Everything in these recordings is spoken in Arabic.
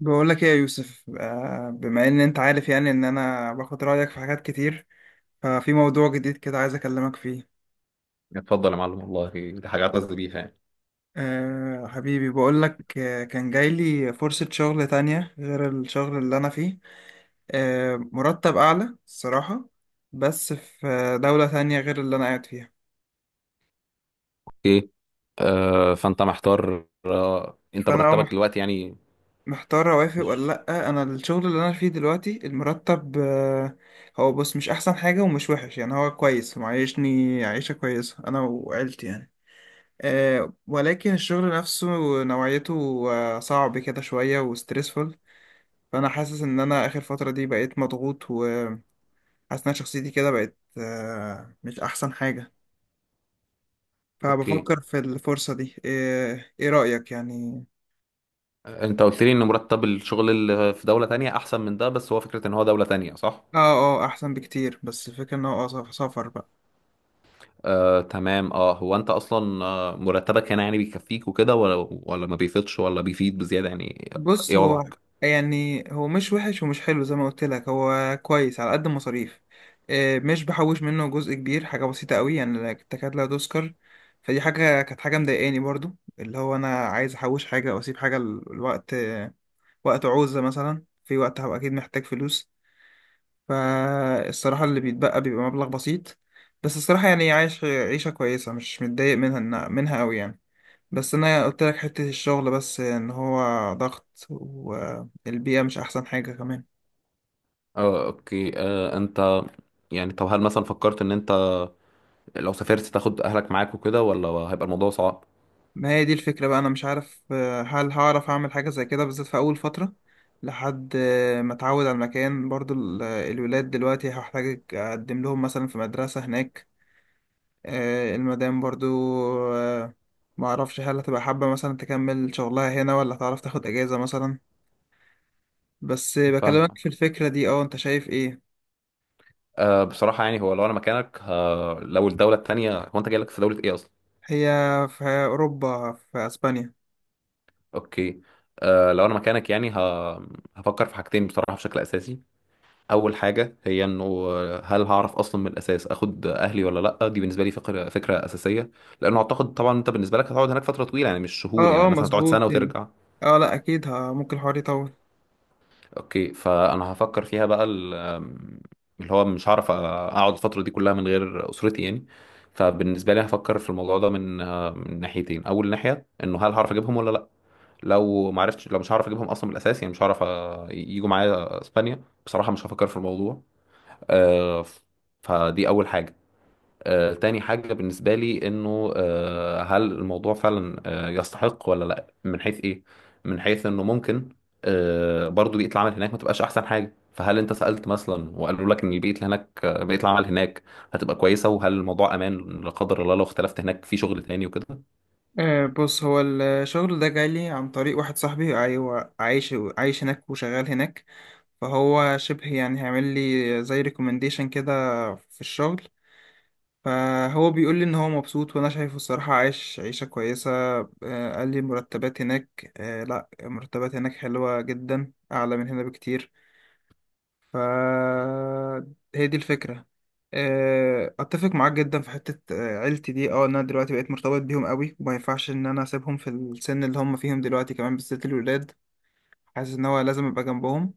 بقول لك ايه يا يوسف، بما ان انت عارف يعني ان انا باخد رايك في حاجات كتير. ففي موضوع جديد كده عايز اكلمك فيه. اتفضل يا معلم، والله دي حاجة اعتز بيها يعني. حبيبي، بقول لك كان جاي لي فرصه شغل تانية غير الشغل اللي انا فيه. مرتب اعلى الصراحه. بس في دوله تانية غير اللي انا قاعد فيها. اوكي. فانت محتار، انت فانا مرتبك دلوقتي يعني؟ محتار اوافق ولا مش لا. انا الشغل اللي انا فيه دلوقتي المرتب. هو بص مش احسن حاجه ومش وحش، يعني هو كويس معيشني عيشه كويسه انا وعيلتي يعني. ولكن الشغل نفسه، نوعيته، صعب كده شوية وستريسفul. فأنا حاسس إن أنا آخر فترة دي بقيت مضغوط وحاسس إن شخصيتي كده بقت مش أحسن حاجة. اوكي. فبفكر في الفرصة دي. إيه, إيه رأيك يعني؟ انت قلت لي ان مرتب الشغل اللي في دولة تانية احسن من ده، بس هو فكرة ان هو دولة تانية، صح؟ آه، آه أحسن بكتير، بس الفكرة إن هو سفر بقى. آه تمام، اه هو انت اصلا مرتبك هنا يعني بيكفيك وكده، ولا ما بيفيدش ولا بيفيد بزيادة يعني؟ بص ايه هو وضعك؟ يعني هو مش وحش ومش حلو، زي ما قلت لك هو كويس على قد المصاريف. مش بحوش منه جزء كبير، حاجة بسيطة قوي يعني تكاد لا تذكر. فدي حاجة كانت حاجة مضايقاني برضو، اللي هو أنا عايز أحوش حاجة أو أسيب حاجة الوقت وقت عوزة مثلا، في وقت هبقى أكيد محتاج فلوس. فالصراحة اللي بيتبقى بيبقى مبلغ بسيط. بس الصراحة يعني عايش عيشة كويسة، مش متضايق منها قوي يعني. بس انا قلت لك حتة الشغل، بس ان هو ضغط والبيئة مش احسن حاجة كمان. اه، اوكي. انت يعني، طب هل مثلا فكرت ان انت لو سافرت تاخد اهلك معاك وكده، ولا هيبقى الموضوع صعب؟ ما هي دي الفكرة بقى، انا مش عارف هل هعرف اعمل حاجة زي كده بالذات في اول فترة، لحد ما اتعود على المكان. برضو الولاد دلوقتي هحتاج اقدم لهم مثلا في مدرسة هناك. المدام برضو، آه، ما اعرفش هل هتبقى حابة مثلا تكمل شغلها هنا، ولا هتعرف تاخد اجازة مثلا. بس فاهم. بكلمك في الفكرة دي. اه، انت شايف ايه؟ بصراحة يعني هو لو أنا مكانك، لو الدولة التانية، هو أنت جاي لك في دولة إيه أصلا؟ هي في اوروبا، في اسبانيا. أوكي. لو أنا مكانك يعني، هفكر في حاجتين بصراحة بشكل أساسي. أول حاجة هي إنه هل هعرف أصلا من الأساس أخد أهلي ولا لأ. دي بالنسبة لي فكرة أساسية، لأنه أعتقد طبعا أنت بالنسبة لك هتقعد هناك فترة طويلة يعني، مش شهور اه، يعني، اه، مثلا تقعد مظبوط سنة يعني. وترجع. اه، لا اكيد، ها ممكن الحوار يطول. اوكي، فانا هفكر فيها بقى، ال- آم، اللي هو مش هعرف اقعد الفتره دي كلها من غير اسرتي يعني. فبالنسبه لي هفكر في الموضوع ده من ناحيتين. اول ناحيه انه هل هعرف اجيبهم ولا لا. لو ما عرفتش لو مش هعرف اجيبهم اصلا من الاساس، يعني مش هعرف يجوا معايا اسبانيا، بصراحه مش هفكر في الموضوع. آه، ف- فدي اول حاجه. تاني حاجة بالنسبة لي إنه هل الموضوع فعلا يستحق ولا لأ، من حيث إيه؟ من حيث إنه ممكن برضو بيئة العمل هناك ما تبقاش أحسن حاجة. فهل أنت سألت مثلا وقالوا لك إن البيئة اللي هناك، بيئة العمل هناك هتبقى كويسة، وهل الموضوع أمان لا قدر الله لو اختلفت هناك في شغل تاني وكده؟ بص، هو الشغل ده جالي عن طريق واحد صاحبي، ايوه عايش عايش هناك وشغال هناك. فهو شبه يعني هيعمل لي زي ريكومنديشن كده، في الشغل. فهو بيقول لي ان هو مبسوط، وانا شايفه الصراحة عايش عيشة كويسة. قال لي مرتبات هناك، لا مرتبات هناك حلوة جدا، اعلى من هنا بكتير. فهي دي الفكرة. اتفق معاك جدا في حتة عيلتي دي، اه إن انا دلوقتي بقيت مرتبط بيهم قوي وما ينفعش ان انا اسيبهم في السن اللي هم فيهم دلوقتي، كمان بالذات الولاد. حاسس ان هو لازم ابقى جنبهم.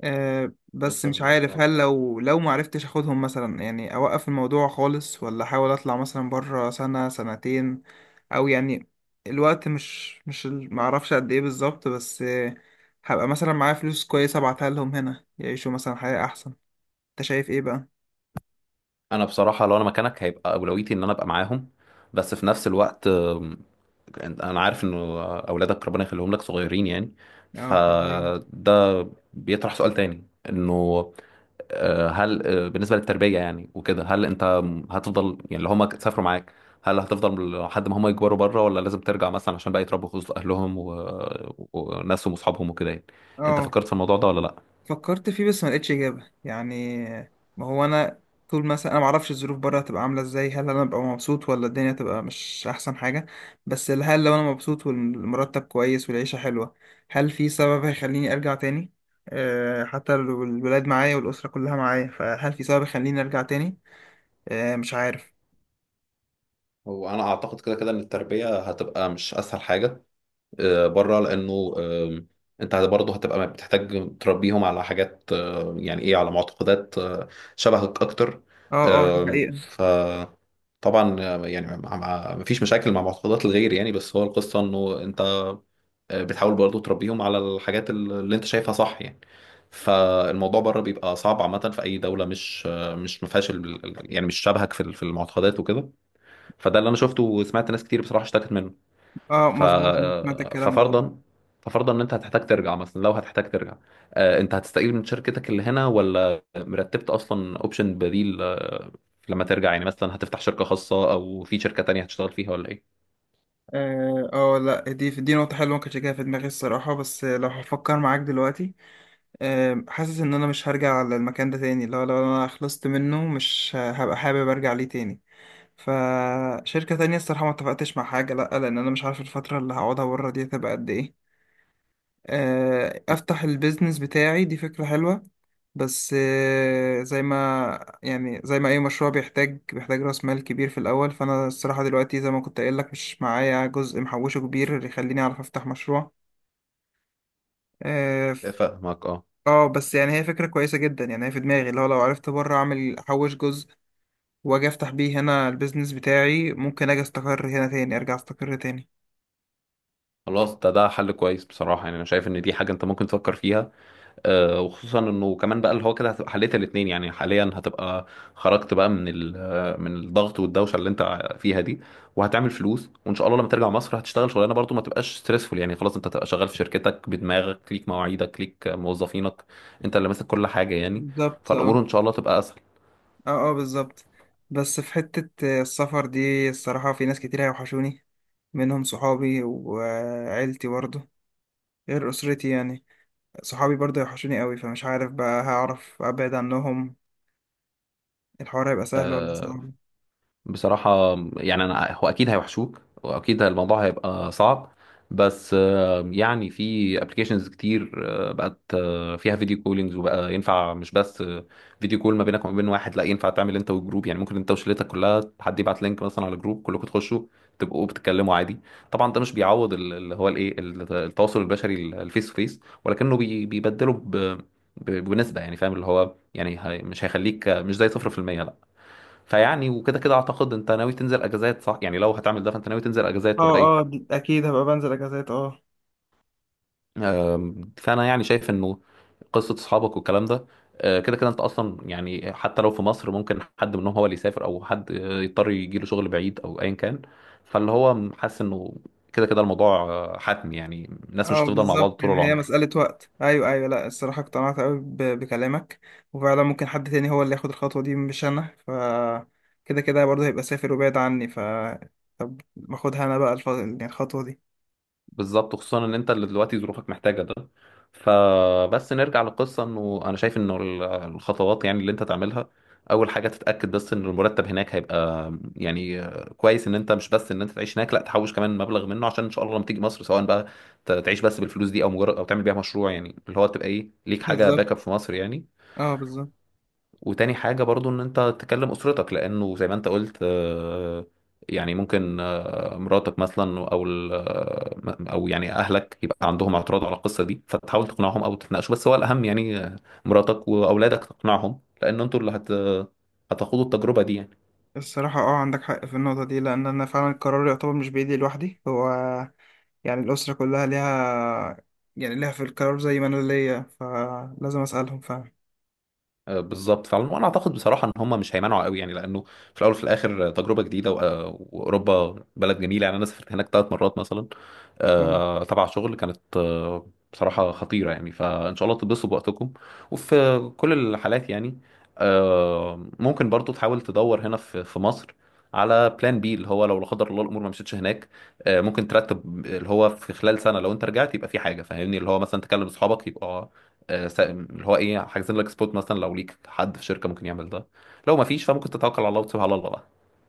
بس مش فاهمك، عارف اه. هل لو ما عرفتش اخدهم مثلا، يعني اوقف الموضوع خالص ولا احاول اطلع مثلا بره سنة سنتين. او يعني، الوقت مش ما اعرفش قد ايه بالظبط، بس هبقى مثلا معايا فلوس كويسة، ابعتها لهم هنا يعيشوا مثلا حياة احسن. انت شايف ايه بقى؟ انا بصراحه لو انا مكانك هيبقى اولويتي ان انا ابقى معاهم. بس في نفس الوقت، انا عارف انه اولادك ربنا يخليهم لك صغيرين يعني، اه حبيبي. فده بيطرح سؤال تاني، انه آه، هل آه، بالنسبه للتربيه يعني وكده، هل انت هتفضل يعني اللي هم سافروا معاك، هل هتفضل لحد ما هم يكبروا بره، ولا لازم ترجع مثلا عشان بقى يتربوا في وسط اهلهم و... وناسهم واصحابهم وكده يعني. انت اه. فكرت في الموضوع ده ولا لا؟ فكرت فيه، بس ما لقيتش اجابه يعني. ما هو انا، طول مثلا انا ما اعرفش الظروف بره هتبقى عامله ازاي، هل انا ابقى مبسوط ولا الدنيا تبقى مش احسن حاجه. بس هل لو انا مبسوط والمرتب كويس والعيشه حلوه، هل في سبب هيخليني ارجع تاني؟ حتى لو الولاد معايا والاسره كلها معايا، فهل في سبب يخليني ارجع تاني؟ مش عارف. هو انا اعتقد كده كده ان التربيه هتبقى مش اسهل حاجه بره، لانه انت برضه هتبقى بتحتاج تربيهم على حاجات، يعني ايه، على معتقدات شبهك اكتر. اه، اه، دي آم، حقيقه. طبعا. يعني مفيش مشاكل مع معتقدات الغير يعني، بس هو القصة انه انت بتحاول برضو تربيهم على الحاجات اللي انت شايفها صح يعني. فالموضوع بره بيبقى صعب عامة في أي دولة، مش ما فيهاش يعني مش شبهك في المعتقدات وكده. فده اللي أنا شفته، وسمعت ناس كتير بصراحة اشتكت منه. اه، ف مظبوط. سمعت الكلام ده. ففرضا ففرضا ان انت هتحتاج ترجع، مثلا لو هتحتاج ترجع، انت هتستقيل من شركتك اللي هنا، ولا مرتبت اصلا اوبشن بديل لما ترجع؟ يعني مثلا هتفتح شركة خاصة، او في شركة تانية هتشتغل فيها، ولا ايه؟ اه، لا دي نقطة حلوة ما كنتش جاية في دماغي الصراحة، بس لو هفكر معاك دلوقتي، حاسس ان انا مش هرجع على المكان ده تاني، لو انا خلصت منه مش هبقى حابب ارجع ليه تاني. فشركة تانية الصراحة ما اتفقتش مع حاجة، لا لان انا مش عارف الفترة اللي هقعدها بره دي هتبقى قد ايه. افتح البيزنس بتاعي دي فكرة حلوة. بس زي ما اي مشروع بيحتاج بيحتاج راس مال كبير في الاول، فانا الصراحه دلوقتي زي ما كنت قايل لك مش معايا جزء محوشه كبير اللي يخليني اعرف افتح مشروع. اه ف- فاهمك، اه. بس يعني هي فكره كويسه جدا، يعني هي في دماغي اللي هو لو عرفت بره اعمل احوش جزء، واجي افتح بيه هنا البيزنس بتاعي، ممكن اجي استقر هنا تاني ارجع استقر تاني. خلاص ده حل كويس بصراحة، يعني انا شايف ان دي حاجة انت ممكن تفكر فيها. وخصوصا انه كمان بقى، اللي هو كده هتبقى حليت الاثنين يعني، حاليا هتبقى خرجت بقى من ال- آه، من الضغط والدوشه اللي انت فيها دي، وهتعمل فلوس، وان شاء الله لما ترجع مصر هتشتغل شغلانه برضو ما تبقاش ستريسفول يعني. خلاص، انت هتبقى شغال في شركتك بدماغك، ليك مواعيدك، ليك موظفينك، انت اللي ماسك كل حاجه يعني. بالظبط اه. فالامور ان شاء الله تبقى اسهل. اه، اه، بالظبط. بس في حتة، السفر دي الصراحة في ناس كتير هيوحشوني، منهم صحابي وعيلتي برضه، غير أسرتي يعني. صحابي برضه يوحشوني قوي، فمش عارف بقى هعرف أبعد عنهم، الحوار هيبقى سهل ولا آه، صعب. بصراحة يعني، أنا هو أكيد هيوحشوك، وأكيد الموضوع هيبقى صعب، بس يعني في ابلكيشنز كتير بقت فيها فيديو كولينجز، وبقى ينفع مش بس فيديو كول ما بينك وما بين واحد، لا ينفع تعمل انت والجروب يعني. ممكن انت وشلتك كلها حد يبعت لينك مثلا على جروب، كلكم تخشوا تبقوا بتتكلموا عادي. طبعا ده مش بيعوض ال- اللي هو الايه ال- التواصل البشري، الفيس تو فيس، ولكنه بيبدله بنسبة يعني، فاهم اللي هو يعني، مش هيخليك مش زي 0%، لا. فيعني وكده كده اعتقد انت ناوي تنزل اجازات، صح؟ يعني لو هتعمل ده فانت ناوي تنزل اجازات ولا اه، ايه؟ اه، اكيد هبقى بنزل اجازات اه. فانا يعني شايف انه قصه اصحابك والكلام ده، كده كده انت اصلا يعني، حتى لو في مصر ممكن حد منهم هو اللي يسافر، او حد يضطر يجي له شغل بعيد او ايا كان. فاللي هو حاسس انه كده كده الموضوع حتمي، يعني الناس اه، مش هتفضل مع بعض بالظبط طول يعني هي العمر. مسألة وقت. أيوه، أيوه، لأ الصراحة اقتنعت قوي بكلامك، وفعلا ممكن حد تاني هو اللي ياخد الخطوة دي مش أنا. كده كده برضه هيبقى سافر وبعيد عني. طب باخدها أنا بقى يعني الخطوة دي. بالظبط، خصوصا ان انت اللي دلوقتي ظروفك محتاجه ده. فبس نرجع للقصه، انه انا شايف انه الخطوات يعني اللي انت تعملها: اول حاجه تتاكد بس ان المرتب هناك هيبقى يعني كويس، ان انت مش بس ان انت تعيش هناك، لا، تحوش كمان مبلغ منه، عشان ان شاء الله لما تيجي مصر سواء بقى تعيش بس بالفلوس دي، او مجرد او تعمل بيها مشروع، يعني اللي هو تبقى ايه ليك حاجه بالظبط، باك اب في مصر يعني. اه، بالظبط. وتاني حاجة برضو ان انت تكلم اسرتك، لانه زي ما انت قلت يعني ممكن مراتك مثلا، او او يعني اهلك يبقى عندهم اعتراض على القصة دي، فتحاول تقنعهم او تتناقشوا. بس هو الاهم يعني مراتك واولادك تقنعهم، لان انتوا اللي هتخوضوا التجربة دي يعني. الصراحة اه عندك حق في النقطة دي، لأن أنا فعلا القرار يعتبر مش بإيدي لوحدي. هو يعني الأسرة كلها ليها، يعني ليها في القرار زي ما أنا ليا، فلازم أسألهم فعلا. بالظبط فعلا. وانا اعتقد بصراحه ان هم مش هيمنعوا قوي يعني، لانه في الاول وفي الاخر تجربه جديده، و- آه، واوروبا بلد جميله. يعني انا سافرت هناك ثلاث مرات مثلا مم. تبع شغل، كانت بصراحه خطيره يعني، فان شاء الله تتبسطوا بوقتكم. وفي كل الحالات يعني ممكن برضو تحاول تدور هنا في مصر على بلان بي، اللي هو لو لا قدر الله الامور ما مشيتش هناك. ممكن ترتب اللي هو في خلال سنه، لو انت رجعت يبقى في حاجه، فاهمني اللي هو مثلا تكلم اصحابك يبقى اللي هو ايه، حاجزين لك سبوت مثلا، لو ليك حد في شركه ممكن يعمل ده. لو ما فيش فممكن تتوكل على الله وتسيبها على الله بقى.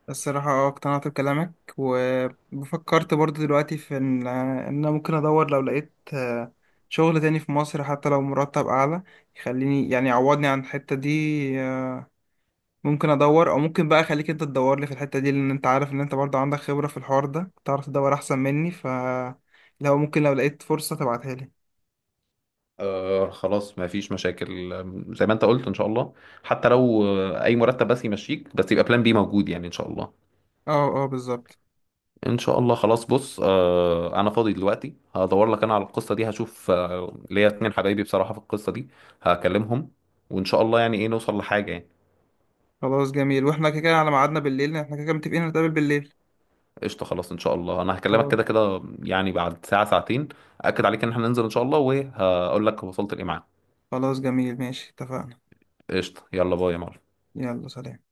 الصراحة اه اقتنعت بكلامك، وفكرت برضه دلوقتي في إن أنا ممكن أدور، لو لقيت شغل تاني في مصر حتى لو مرتب أعلى يخليني يعني يعوضني عن الحتة دي. آه، ممكن أدور، أو ممكن بقى أخليك أنت تدور لي في الحتة دي، لأن أنت عارف إن أنت برضه عندك خبرة في الحوار ده تعرف تدور أحسن مني. لو ممكن، لو لقيت فرصة تبعتها لي. خلاص، ما فيش مشاكل. زي ما انت قلت ان شاء الله، حتى لو اي مرتب بس يمشيك، بس يبقى بلان بي موجود يعني ان شاء الله. اه، اه، بالظبط. ان شاء الله. خلاص، بص انا فاضي دلوقتي، هدور لك انا على القصه دي، هشوف ليا اتنين حبايبي بصراحه في القصه دي، هكلمهم، وان شاء الله يعني ايه نوصل لحاجه يعني. خلاص جميل، واحنا كده كده على ميعادنا بالليل، احنا كده كده متفقين نتقابل بالليل. قشطة، خلاص إن شاء الله، أنا هكلمك خلاص. كده كده يعني بعد ساعة ساعتين. أكد عليك إن إحنا ننزل إن شاء الله، وهقول لك وصلت لإيه معاك. خلاص جميل، ماشي اتفقنا. قشطة، يلا باي يا معلم. يلا سلام.